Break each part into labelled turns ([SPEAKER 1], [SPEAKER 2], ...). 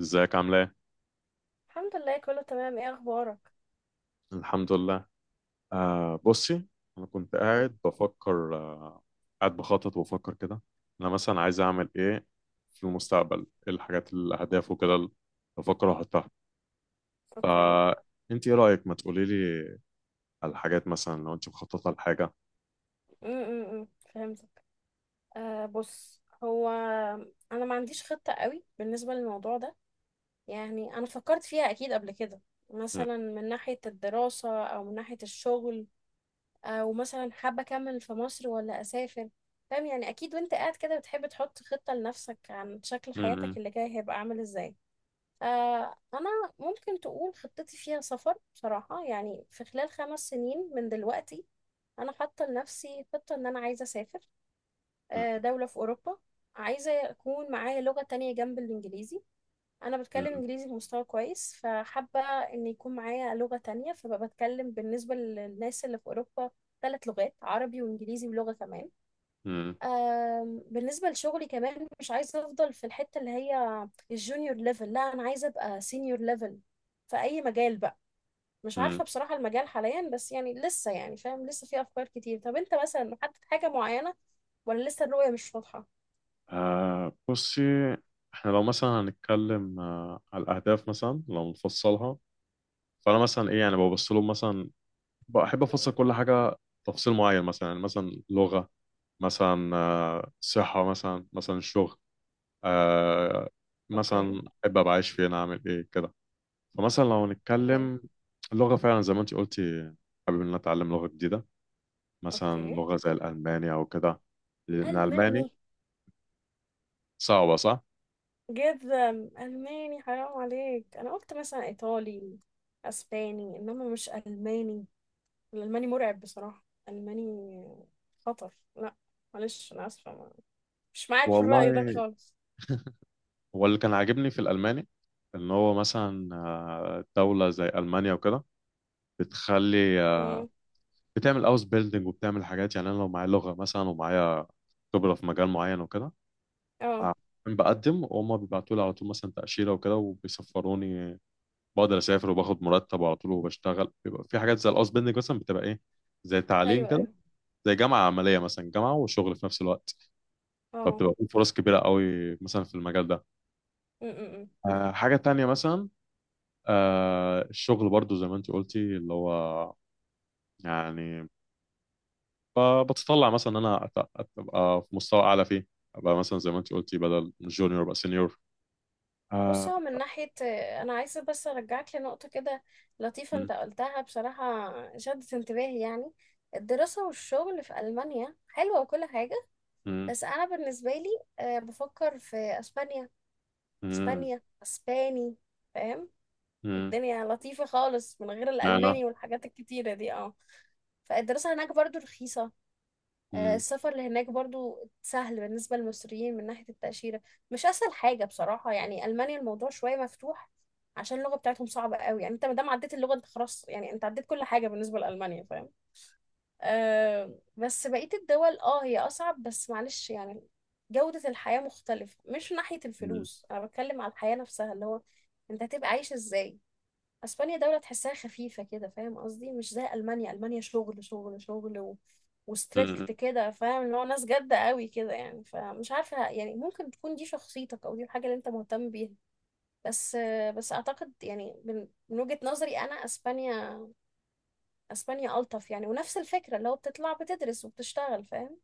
[SPEAKER 1] ازيك عامله ايه؟
[SPEAKER 2] الحمد لله كله تمام. ايه اخبارك؟
[SPEAKER 1] الحمد لله. آه بصي، انا كنت
[SPEAKER 2] م-
[SPEAKER 1] قاعد بفكر قاعد بخطط وبفكر كده. انا مثلا عايز اعمل ايه في المستقبل، ايه الحاجات الاهداف وكده اللي بفكر احطها.
[SPEAKER 2] اوكي.
[SPEAKER 1] فانت ايه رايك، ما تقولي لي على الحاجات مثلا لو انت مخططه لحاجه.
[SPEAKER 2] امم فهمتك. بص، هو انا ما عنديش خطة قوي بالنسبة للموضوع ده. يعني انا فكرت فيها اكيد قبل كده،
[SPEAKER 1] م-
[SPEAKER 2] مثلا من ناحية الدراسة او من ناحية الشغل، او مثلا حابة اكمل في مصر ولا اسافر. فاهم يعني؟ اكيد وانت قاعد كده بتحب تحط خطة لنفسك عن شكل حياتك
[SPEAKER 1] م-
[SPEAKER 2] اللي جاي هيبقى عامل ازاي. انا ممكن تقول خطتي فيها سفر بصراحة، يعني في خلال خمس سنين من دلوقتي انا حاطه لنفسي خطه ان انا عايزه اسافر،
[SPEAKER 1] م-
[SPEAKER 2] دوله في اوروبا. عايزه يكون معايا لغه تانية جنب الانجليزي. انا بتكلم
[SPEAKER 1] م-
[SPEAKER 2] انجليزي بمستوى كويس، فحابه ان يكون معايا لغه تانية، فبقى بتكلم بالنسبه للناس اللي في اوروبا ثلاث لغات: عربي وانجليزي ولغه كمان.
[SPEAKER 1] م-
[SPEAKER 2] بالنسبه لشغلي كمان، مش عايزه افضل في الحته اللي هي الجونيور ليفل، لا، انا عايزه ابقى سينيور ليفل في اي مجال بقى. مش
[SPEAKER 1] م-
[SPEAKER 2] عارفة بصراحة المجال حاليا، بس يعني لسه، يعني فاهم، لسه في أفكار كتير. طب أنت مثلا محدد حاجة معينة ولا لسه الرؤية مش واضحة؟
[SPEAKER 1] آه بصي، احنا لو مثلا هنتكلم على الاهداف، مثلا لو نفصلها، فانا مثلا ايه يعني ببص لهم، مثلا بحب افصل كل حاجه تفصيل معين، مثلا يعني مثلا لغه، مثلا آه، صحه، مثلا شغل، آه،
[SPEAKER 2] أوكي.
[SPEAKER 1] مثلا احب ابقى عايش فين اعمل ايه كده. فمثلا لو
[SPEAKER 2] مم.
[SPEAKER 1] نتكلم اللغه، فعلا زي ما انت قلتي، حابب ان أنا اتعلم لغه جديده، مثلا
[SPEAKER 2] أوكي.
[SPEAKER 1] لغه زي الالماني او كده، لان الالماني
[SPEAKER 2] ألماني؟
[SPEAKER 1] صعبه صح.
[SPEAKER 2] جدا. ألماني حرام عليك، أنا قلت مثلا إيطالي، أسباني، إنما مش ألماني. الألماني مرعب بصراحة. ألماني خطر، لا. معلش أنا آسفة، مش معاك في الرأي ده
[SPEAKER 1] والله،
[SPEAKER 2] خالص.
[SPEAKER 1] هو اللي كان عاجبني في الالماني ان هو مثلا دوله زي المانيا وكده، بتخلي
[SPEAKER 2] مم.
[SPEAKER 1] بتعمل اوس بيلدينج وبتعمل حاجات. يعني انا لو معايا لغه مثلا ومعايا خبره في مجال معين وكده،
[SPEAKER 2] اه.
[SPEAKER 1] أنا بقدم وهم بيبعتوا لي على طول مثلا تاشيره وكده وبيسفروني، بقدر اسافر وباخد مرتب على طول وبشتغل. بيبقى في حاجات زي الاوس بيلدينج مثلا، بتبقى ايه زي تعليم
[SPEAKER 2] أيوه
[SPEAKER 1] كده،
[SPEAKER 2] أيوه.
[SPEAKER 1] زي جامعه عمليه، مثلا جامعه وشغل في نفس الوقت،
[SPEAKER 2] اه.
[SPEAKER 1] فبتبقى في فرص كبيره قوي مثلا في المجال ده.
[SPEAKER 2] مم، مم، مم.
[SPEAKER 1] حاجه تانية مثلا، الشغل برضو زي ما انت قلتي، اللي هو يعني فبتطلع مثلا ان انا ابقى في مستوى اعلى فيه، ابقى مثلا زي ما انت قلتي بدل جونيور ابقى سينيور.
[SPEAKER 2] بص،
[SPEAKER 1] آه.
[SPEAKER 2] هو من ناحية، أنا عايزة بس أرجعك لنقطة كده لطيفة
[SPEAKER 1] مم،
[SPEAKER 2] أنت قلتها، بصراحة شدت انتباهي يعني. الدراسة والشغل في ألمانيا حلوة وكل حاجة،
[SPEAKER 1] مم،
[SPEAKER 2] بس أنا بالنسبة لي، بفكر في أسبانيا.
[SPEAKER 1] مم،
[SPEAKER 2] أسبانيا، أسباني، فاهم؟
[SPEAKER 1] مم.
[SPEAKER 2] الدنيا لطيفة خالص من غير
[SPEAKER 1] معنى.
[SPEAKER 2] الألماني والحاجات الكتيرة دي، اه. فالدراسة هناك برضو رخيصة.
[SPEAKER 1] مم،
[SPEAKER 2] السفر لهناك برضو سهل بالنسبة للمصريين من ناحية التأشيرة، مش أسهل حاجة بصراحة يعني. ألمانيا الموضوع شوية مفتوح عشان اللغة بتاعتهم صعبة قوي، يعني انت مادام عديت اللغة انت خلاص، يعني انت عديت كل حاجة بالنسبة لألمانيا، فاهم؟ آه، بس بقية الدول اه هي أصعب، بس معلش يعني. جودة الحياة مختلفة، مش من ناحية
[SPEAKER 1] مم،
[SPEAKER 2] الفلوس، أنا بتكلم على الحياة نفسها، اللي هو انت هتبقى عايش ازاي. اسبانيا دولة تحسها خفيفة كده، فاهم قصدي؟ مش زي المانيا. المانيا شغل شغل شغل، وستريكت
[SPEAKER 1] مم.
[SPEAKER 2] كده، فاهم؟ اللي هو ناس جادة قوي كده يعني. فمش عارفة، يعني ممكن تكون دي شخصيتك او دي الحاجة اللي انت مهتم بيها. بس، بس اعتقد يعني من وجهة نظري انا اسبانيا، اسبانيا الطف يعني، ونفس الفكرة اللي هو بتطلع بتدرس وبتشتغل، فاهم؟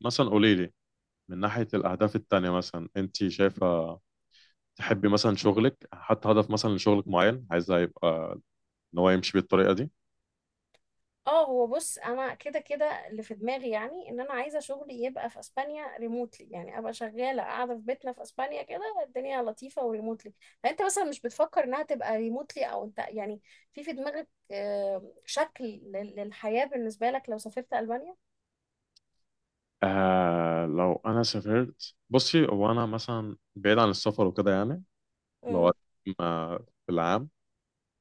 [SPEAKER 1] مثلا قولي لي، من ناحية الأهداف التانية مثلا، أنت شايفة تحبي مثلا شغلك، حتى هدف مثلا لشغلك معين عايزة يبقى إن هو يمشي بالطريقة دي.
[SPEAKER 2] اه، هو بص انا كده اللي في دماغي، يعني ان انا عايزه شغلي يبقى في اسبانيا ريموتلي، يعني ابقى شغاله قاعده في بيتنا في اسبانيا كده، الدنيا لطيفه، وريموتلي. فانت مثلا مش بتفكر انها تبقى ريموتلي، او انت يعني في دماغك شكل للحياه بالنسبه لك لو سافرت البانيا؟
[SPEAKER 1] آه لو أنا سافرت بصي، هو أنا مثلا بعيد عن السفر وكده يعني، لو
[SPEAKER 2] امم
[SPEAKER 1] ما في العام،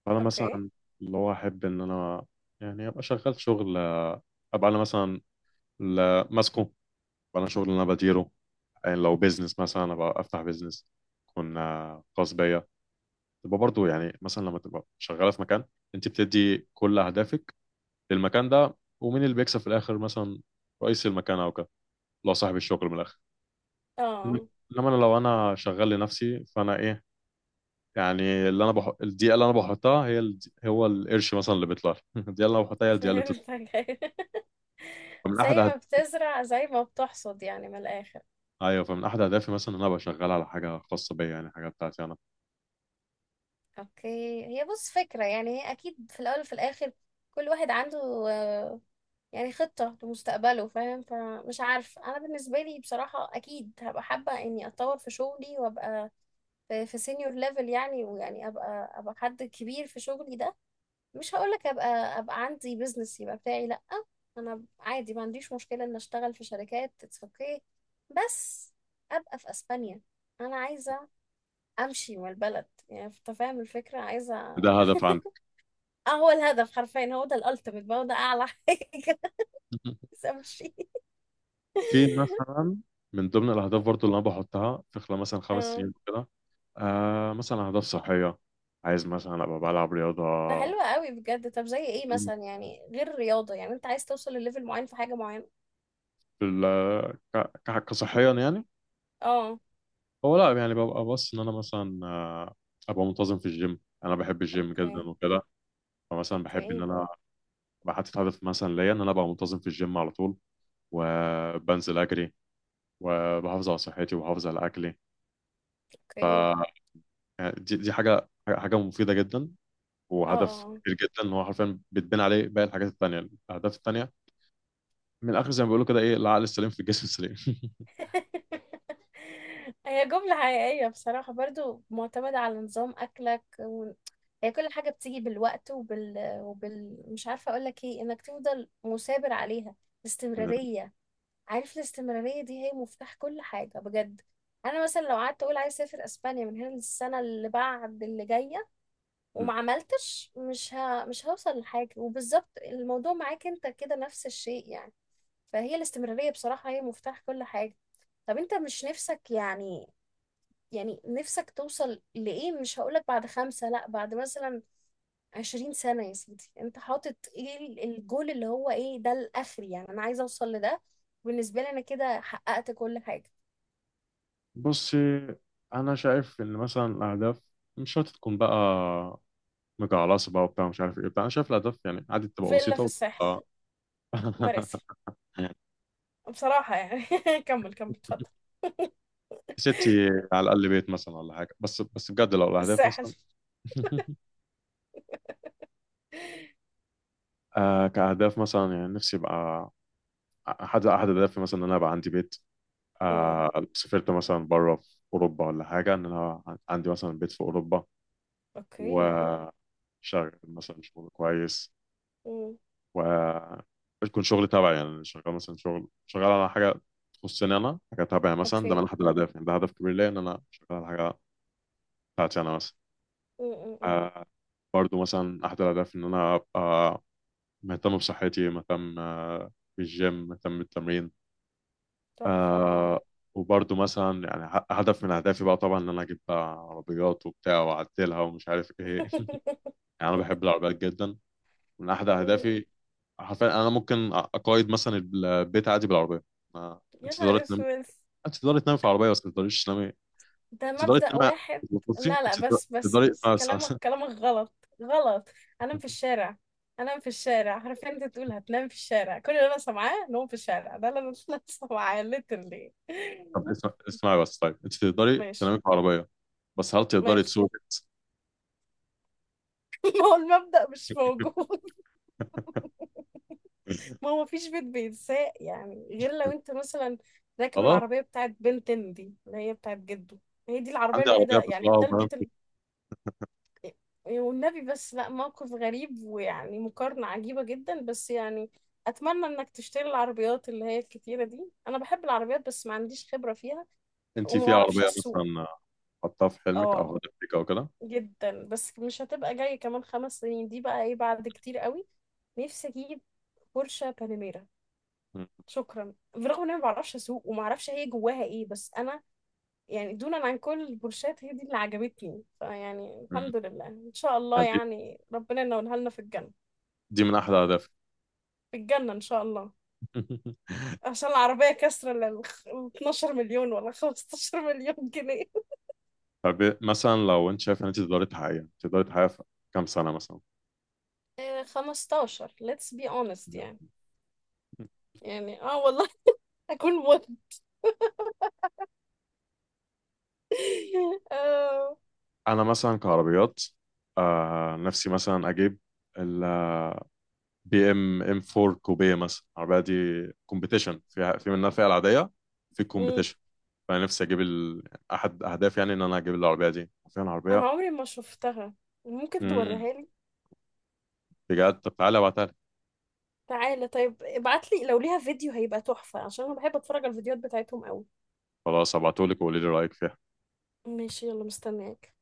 [SPEAKER 1] انا
[SPEAKER 2] اوكي.
[SPEAKER 1] مثلا اللي هو احب ان انا يعني ابقى شغال شغل، ابقى انا مثلا ماسكه، ابقى انا شغل اللي انا بديره. يعني لو بيزنس مثلا، ابقى افتح بيزنس يكون خاص بيا. تبقى برضو يعني مثلا لما تبقى شغاله في مكان، انت بتدي كل اهدافك للمكان ده، ومين اللي بيكسب في الاخر مثلا؟ رئيس المكان او كده، لو صاحب الشغل، من الاخر.
[SPEAKER 2] اه
[SPEAKER 1] انما انا لو انا شغال لنفسي، فانا ايه يعني، اللي انا بحط الدقيقه اللي انا بحطها هي هو القرش مثلا اللي بيطلع لي. الدقيقه اللي انا بحطها هي الدقيقه اللي
[SPEAKER 2] فهمتك.
[SPEAKER 1] فمن احد
[SPEAKER 2] زي
[SPEAKER 1] أهد...
[SPEAKER 2] ما بتزرع زي ما بتحصد يعني من الاخر.
[SPEAKER 1] ايوه، فمن احد اهدافي مثلا ان انا ابقى شغال على حاجه خاصه بيا، يعني حاجه بتاعتي انا.
[SPEAKER 2] اوكي، هي بص فكره، يعني هي اكيد في الاول وفي الاخر كل واحد عنده آه، يعني خطة لمستقبله، فاهم؟ فمش عارف، أنا بالنسبة لي بصراحة أكيد هبقى حابة إني أتطور في شغلي وأبقى في سينيور ليفل، يعني ويعني أبقى حد كبير في شغلي ده. مش هقولك أبقى، أبقى عندي بيزنس يبقى بتاعي، لأ. أنا عادي، ما عنديش مشكلة إن أشتغل في شركات، اتس أوكي. بس أبقى في أسبانيا. أنا عايزة أمشي من البلد، يعني أنت فاهم الفكرة؟ عايزة.
[SPEAKER 1] ده هدف عندي.
[SPEAKER 2] اه، هو الهدف حرفيا هو ده الألتيميت بقى، هو ده أعلى حاجة. عايزة أمشي.
[SPEAKER 1] في مثلا من ضمن الاهداف برضو اللي انا بحطها في خلال مثلا خمس
[SPEAKER 2] اه
[SPEAKER 1] سنين كده، آه مثلا اهداف صحيه، عايز مثلا ابقى بلعب رياضه.
[SPEAKER 2] ده حلو قوي بجد. طب زي ايه مثلا، يعني غير الرياضة، يعني انت عايز توصل لليفل معين في حاجة معينة؟
[SPEAKER 1] في ال... ك... ك... كصحيا يعني،
[SPEAKER 2] اه.
[SPEAKER 1] هو لا يعني ببقى بص ان انا مثلا ابقى منتظم في الجيم. انا بحب الجيم جدا
[SPEAKER 2] اوكي.
[SPEAKER 1] وكده، فمثلا بحب ان
[SPEAKER 2] اوكي.
[SPEAKER 1] انا بحط هدف مثلا ليا ان انا ابقى منتظم في الجيم على طول، وبنزل اجري، وبحافظ على صحتي وبحافظ على اكلي.
[SPEAKER 2] اوكي.
[SPEAKER 1] يعني دي حاجه مفيده جدا،
[SPEAKER 2] اه.
[SPEAKER 1] وهدف
[SPEAKER 2] اه.
[SPEAKER 1] كبير جدا ان هو حرفيا بتبني عليه باقي الحاجات التانية، الاهداف التانية. من الاخر زي ما بيقولوا كده، ايه، العقل السليم في الجسم السليم.
[SPEAKER 2] هي جملة حقيقية بصراحة، برضو معتمدة على نظام أكلك هي كل حاجة بتيجي بالوقت مش عارفة أقولك ايه، إنك تفضل مثابر عليها، الاستمرارية. عارف الاستمرارية دي هي مفتاح كل حاجة بجد. أنا مثلا لو قعدت أقول عايز أسافر أسبانيا من هنا للسنة اللي بعد اللي جاية وما عملتش، مش هوصل لحاجة. وبالظبط الموضوع معاك انت كده نفس الشيء يعني. فهي الاستمرارية بصراحة هي مفتاح كل حاجة. طب انت مش نفسك يعني، يعني نفسك توصل لإيه؟ مش هقولك بعد خمسة، لأ، بعد مثلا عشرين سنة يا سيدي، انت حاطط ايه الجول اللي هو ايه ده الآخر، يعني انا عايزة اوصل لده، بالنسبة لي انا كده حققت كل حاجة.
[SPEAKER 1] بصي، انا شايف ان مثلا الاهداف مش شرط تكون بقى مجعلصه بقى وبتاع مش عارف ايه بتاع. انا شايف الاهداف يعني عادي تبقى
[SPEAKER 2] فيلا
[SPEAKER 1] بسيطه
[SPEAKER 2] في الساحل،
[SPEAKER 1] وتبقى.
[SPEAKER 2] مراسي. بصراحة يعني كمل كمل اتفضل.
[SPEAKER 1] ستي، على الاقل بيت مثلا ولا حاجه. بس بجد لو
[SPEAKER 2] في
[SPEAKER 1] الاهداف
[SPEAKER 2] الساحل.
[SPEAKER 1] مثلا. آه كأهداف مثلا، يعني نفسي يبقى احد الاهداف مثلا ان انا ابقى عندي بيت. سافرت مثلا بره في اوروبا ولا حاجه، ان انا عندي مثلا بيت في اوروبا،
[SPEAKER 2] اوكي.
[SPEAKER 1] وشغل مثلا شغل كويس،
[SPEAKER 2] امم
[SPEAKER 1] ويكون شغل تبعي يعني شغال مثلا شغل شغال على حاجه تخصني انا، حاجه تبعي مثلا. ده من
[SPEAKER 2] اوكي.
[SPEAKER 1] احد الاهداف يعني، ده هدف كبير ليا ان انا شغال على حاجه بتاعتي انا مثلا.
[SPEAKER 2] أم، أم، أم.
[SPEAKER 1] آه، برضو مثلا، احد الاهداف ان انا ابقى مهتم بصحتي، مهتم بالجيم، مهتم بالتمرين.
[SPEAKER 2] تحفة، اه.
[SPEAKER 1] آه. وبرضه مثلا يعني هدف من اهدافي بقى طبعا ان انا اجيب بقى عربيات وبتاع واعدلها ومش عارف ايه. يعني انا بحب العربيات جدا، من احد
[SPEAKER 2] أم،
[SPEAKER 1] اهدافي. حرفيا انا ممكن اقيد مثلا البيت عادي بالعربيه. ما
[SPEAKER 2] يا
[SPEAKER 1] انت تقدري
[SPEAKER 2] نهار
[SPEAKER 1] تنامي،
[SPEAKER 2] اسود،
[SPEAKER 1] انت تقدري تنامي في عربيه، بس ما تقدريش تنامي.
[SPEAKER 2] ده
[SPEAKER 1] انت تقدري
[SPEAKER 2] مبدأ
[SPEAKER 1] تنامي
[SPEAKER 2] واحد.
[SPEAKER 1] في الكرسي،
[SPEAKER 2] لا
[SPEAKER 1] انت
[SPEAKER 2] لا، بس بس
[SPEAKER 1] تقدري
[SPEAKER 2] بس
[SPEAKER 1] اسمعي بس.
[SPEAKER 2] كلامك
[SPEAKER 1] بس-
[SPEAKER 2] كلامك غلط، غلط. انام في الشارع، انام في الشارع، عارفين انت تقول هتنام في الشارع، كل اللي انا سامعاه نوم في الشارع، ده اللي انا أنا سامعاه literally.
[SPEAKER 1] طب اسمعي بس، طيب انت تقدري تنامي
[SPEAKER 2] ماشي.
[SPEAKER 1] في عربيه، بس هل تقدري
[SPEAKER 2] ماشي.
[SPEAKER 1] تسوقي؟
[SPEAKER 2] هو المبدأ مش موجود. ما هو مفيش بيت بيتساق، يعني غير لو انت مثلا راكب
[SPEAKER 1] خلاص،
[SPEAKER 2] العربية بتاعت بنتين دي اللي هي بتاعت جده، هي دي العربية
[SPEAKER 1] عندي عربيه
[SPEAKER 2] الوحيدة، يعني
[SPEAKER 1] بسوقها
[SPEAKER 2] ده
[SPEAKER 1] وبنام
[SPEAKER 2] البيت
[SPEAKER 1] فيها.
[SPEAKER 2] والنبي بس، لا موقف غريب، ويعني مقارنة عجيبة جدا، بس يعني أتمنى إنك تشتري العربيات اللي هي الكتيرة دي. أنا بحب العربيات بس ما عنديش خبرة فيها
[SPEAKER 1] انت
[SPEAKER 2] وما
[SPEAKER 1] في
[SPEAKER 2] بعرفش
[SPEAKER 1] عربيه
[SPEAKER 2] أسوق.
[SPEAKER 1] مثلا حطها في حلمك او
[SPEAKER 2] اه
[SPEAKER 1] هدفك او كده.
[SPEAKER 2] جدا، بس مش هتبقى جاية كمان خمس سنين دي بقى، ايه بعد كتير قوي. نفسي أجيب بورشة باناميرا، شكرا، برغم ان انا ما بعرفش اسوق وما اعرفش هي جواها ايه، بس انا يعني دونا عن كل البورشات هي دي اللي عجبتني. فيعني
[SPEAKER 1] مم.
[SPEAKER 2] الحمد لله ان شاء
[SPEAKER 1] آه،
[SPEAKER 2] الله
[SPEAKER 1] دي
[SPEAKER 2] يعني ربنا ينولها لنا في الجنه.
[SPEAKER 1] دي من احلى اهدافي.
[SPEAKER 2] في الجنه ان شاء الله، عشان العربيه كسر لل 12 مليون ولا 15 مليون جنيه.
[SPEAKER 1] طب مثلا لو انت شايف ان انت تقدري تحققيها، في كام سنه مثلا؟
[SPEAKER 2] آه، 15 let's be honest يعني. يعني اه والله. اكون مت. آه.
[SPEAKER 1] انا مثلا كعربيات، نفسي مثلا اجيب ال بي ام ام 4 كوبيه مثلا، العربيه دي كومبيتيشن، فيها، في منها الفئه العاديه، في
[SPEAKER 2] مم.
[SPEAKER 1] كومبيتيشن. فانا نفسي اجيب احد اهدافي يعني ان انا اجيب العربيه دي فعلا،
[SPEAKER 2] انا
[SPEAKER 1] عربيه.
[SPEAKER 2] عمري ما شفتها، ممكن
[SPEAKER 1] مم.
[SPEAKER 2] توريها لي؟
[SPEAKER 1] بجد، طب تعالى ابعتها لي.
[SPEAKER 2] تعالى طيب ابعتلي، لو ليها فيديو هيبقى تحفة عشان انا بحب اتفرج على الفيديوهات بتاعتهم قوي.
[SPEAKER 1] خلاص، ابعتهولك وقولي لي رايك فيها.
[SPEAKER 2] ماشي، يلا مستنياك.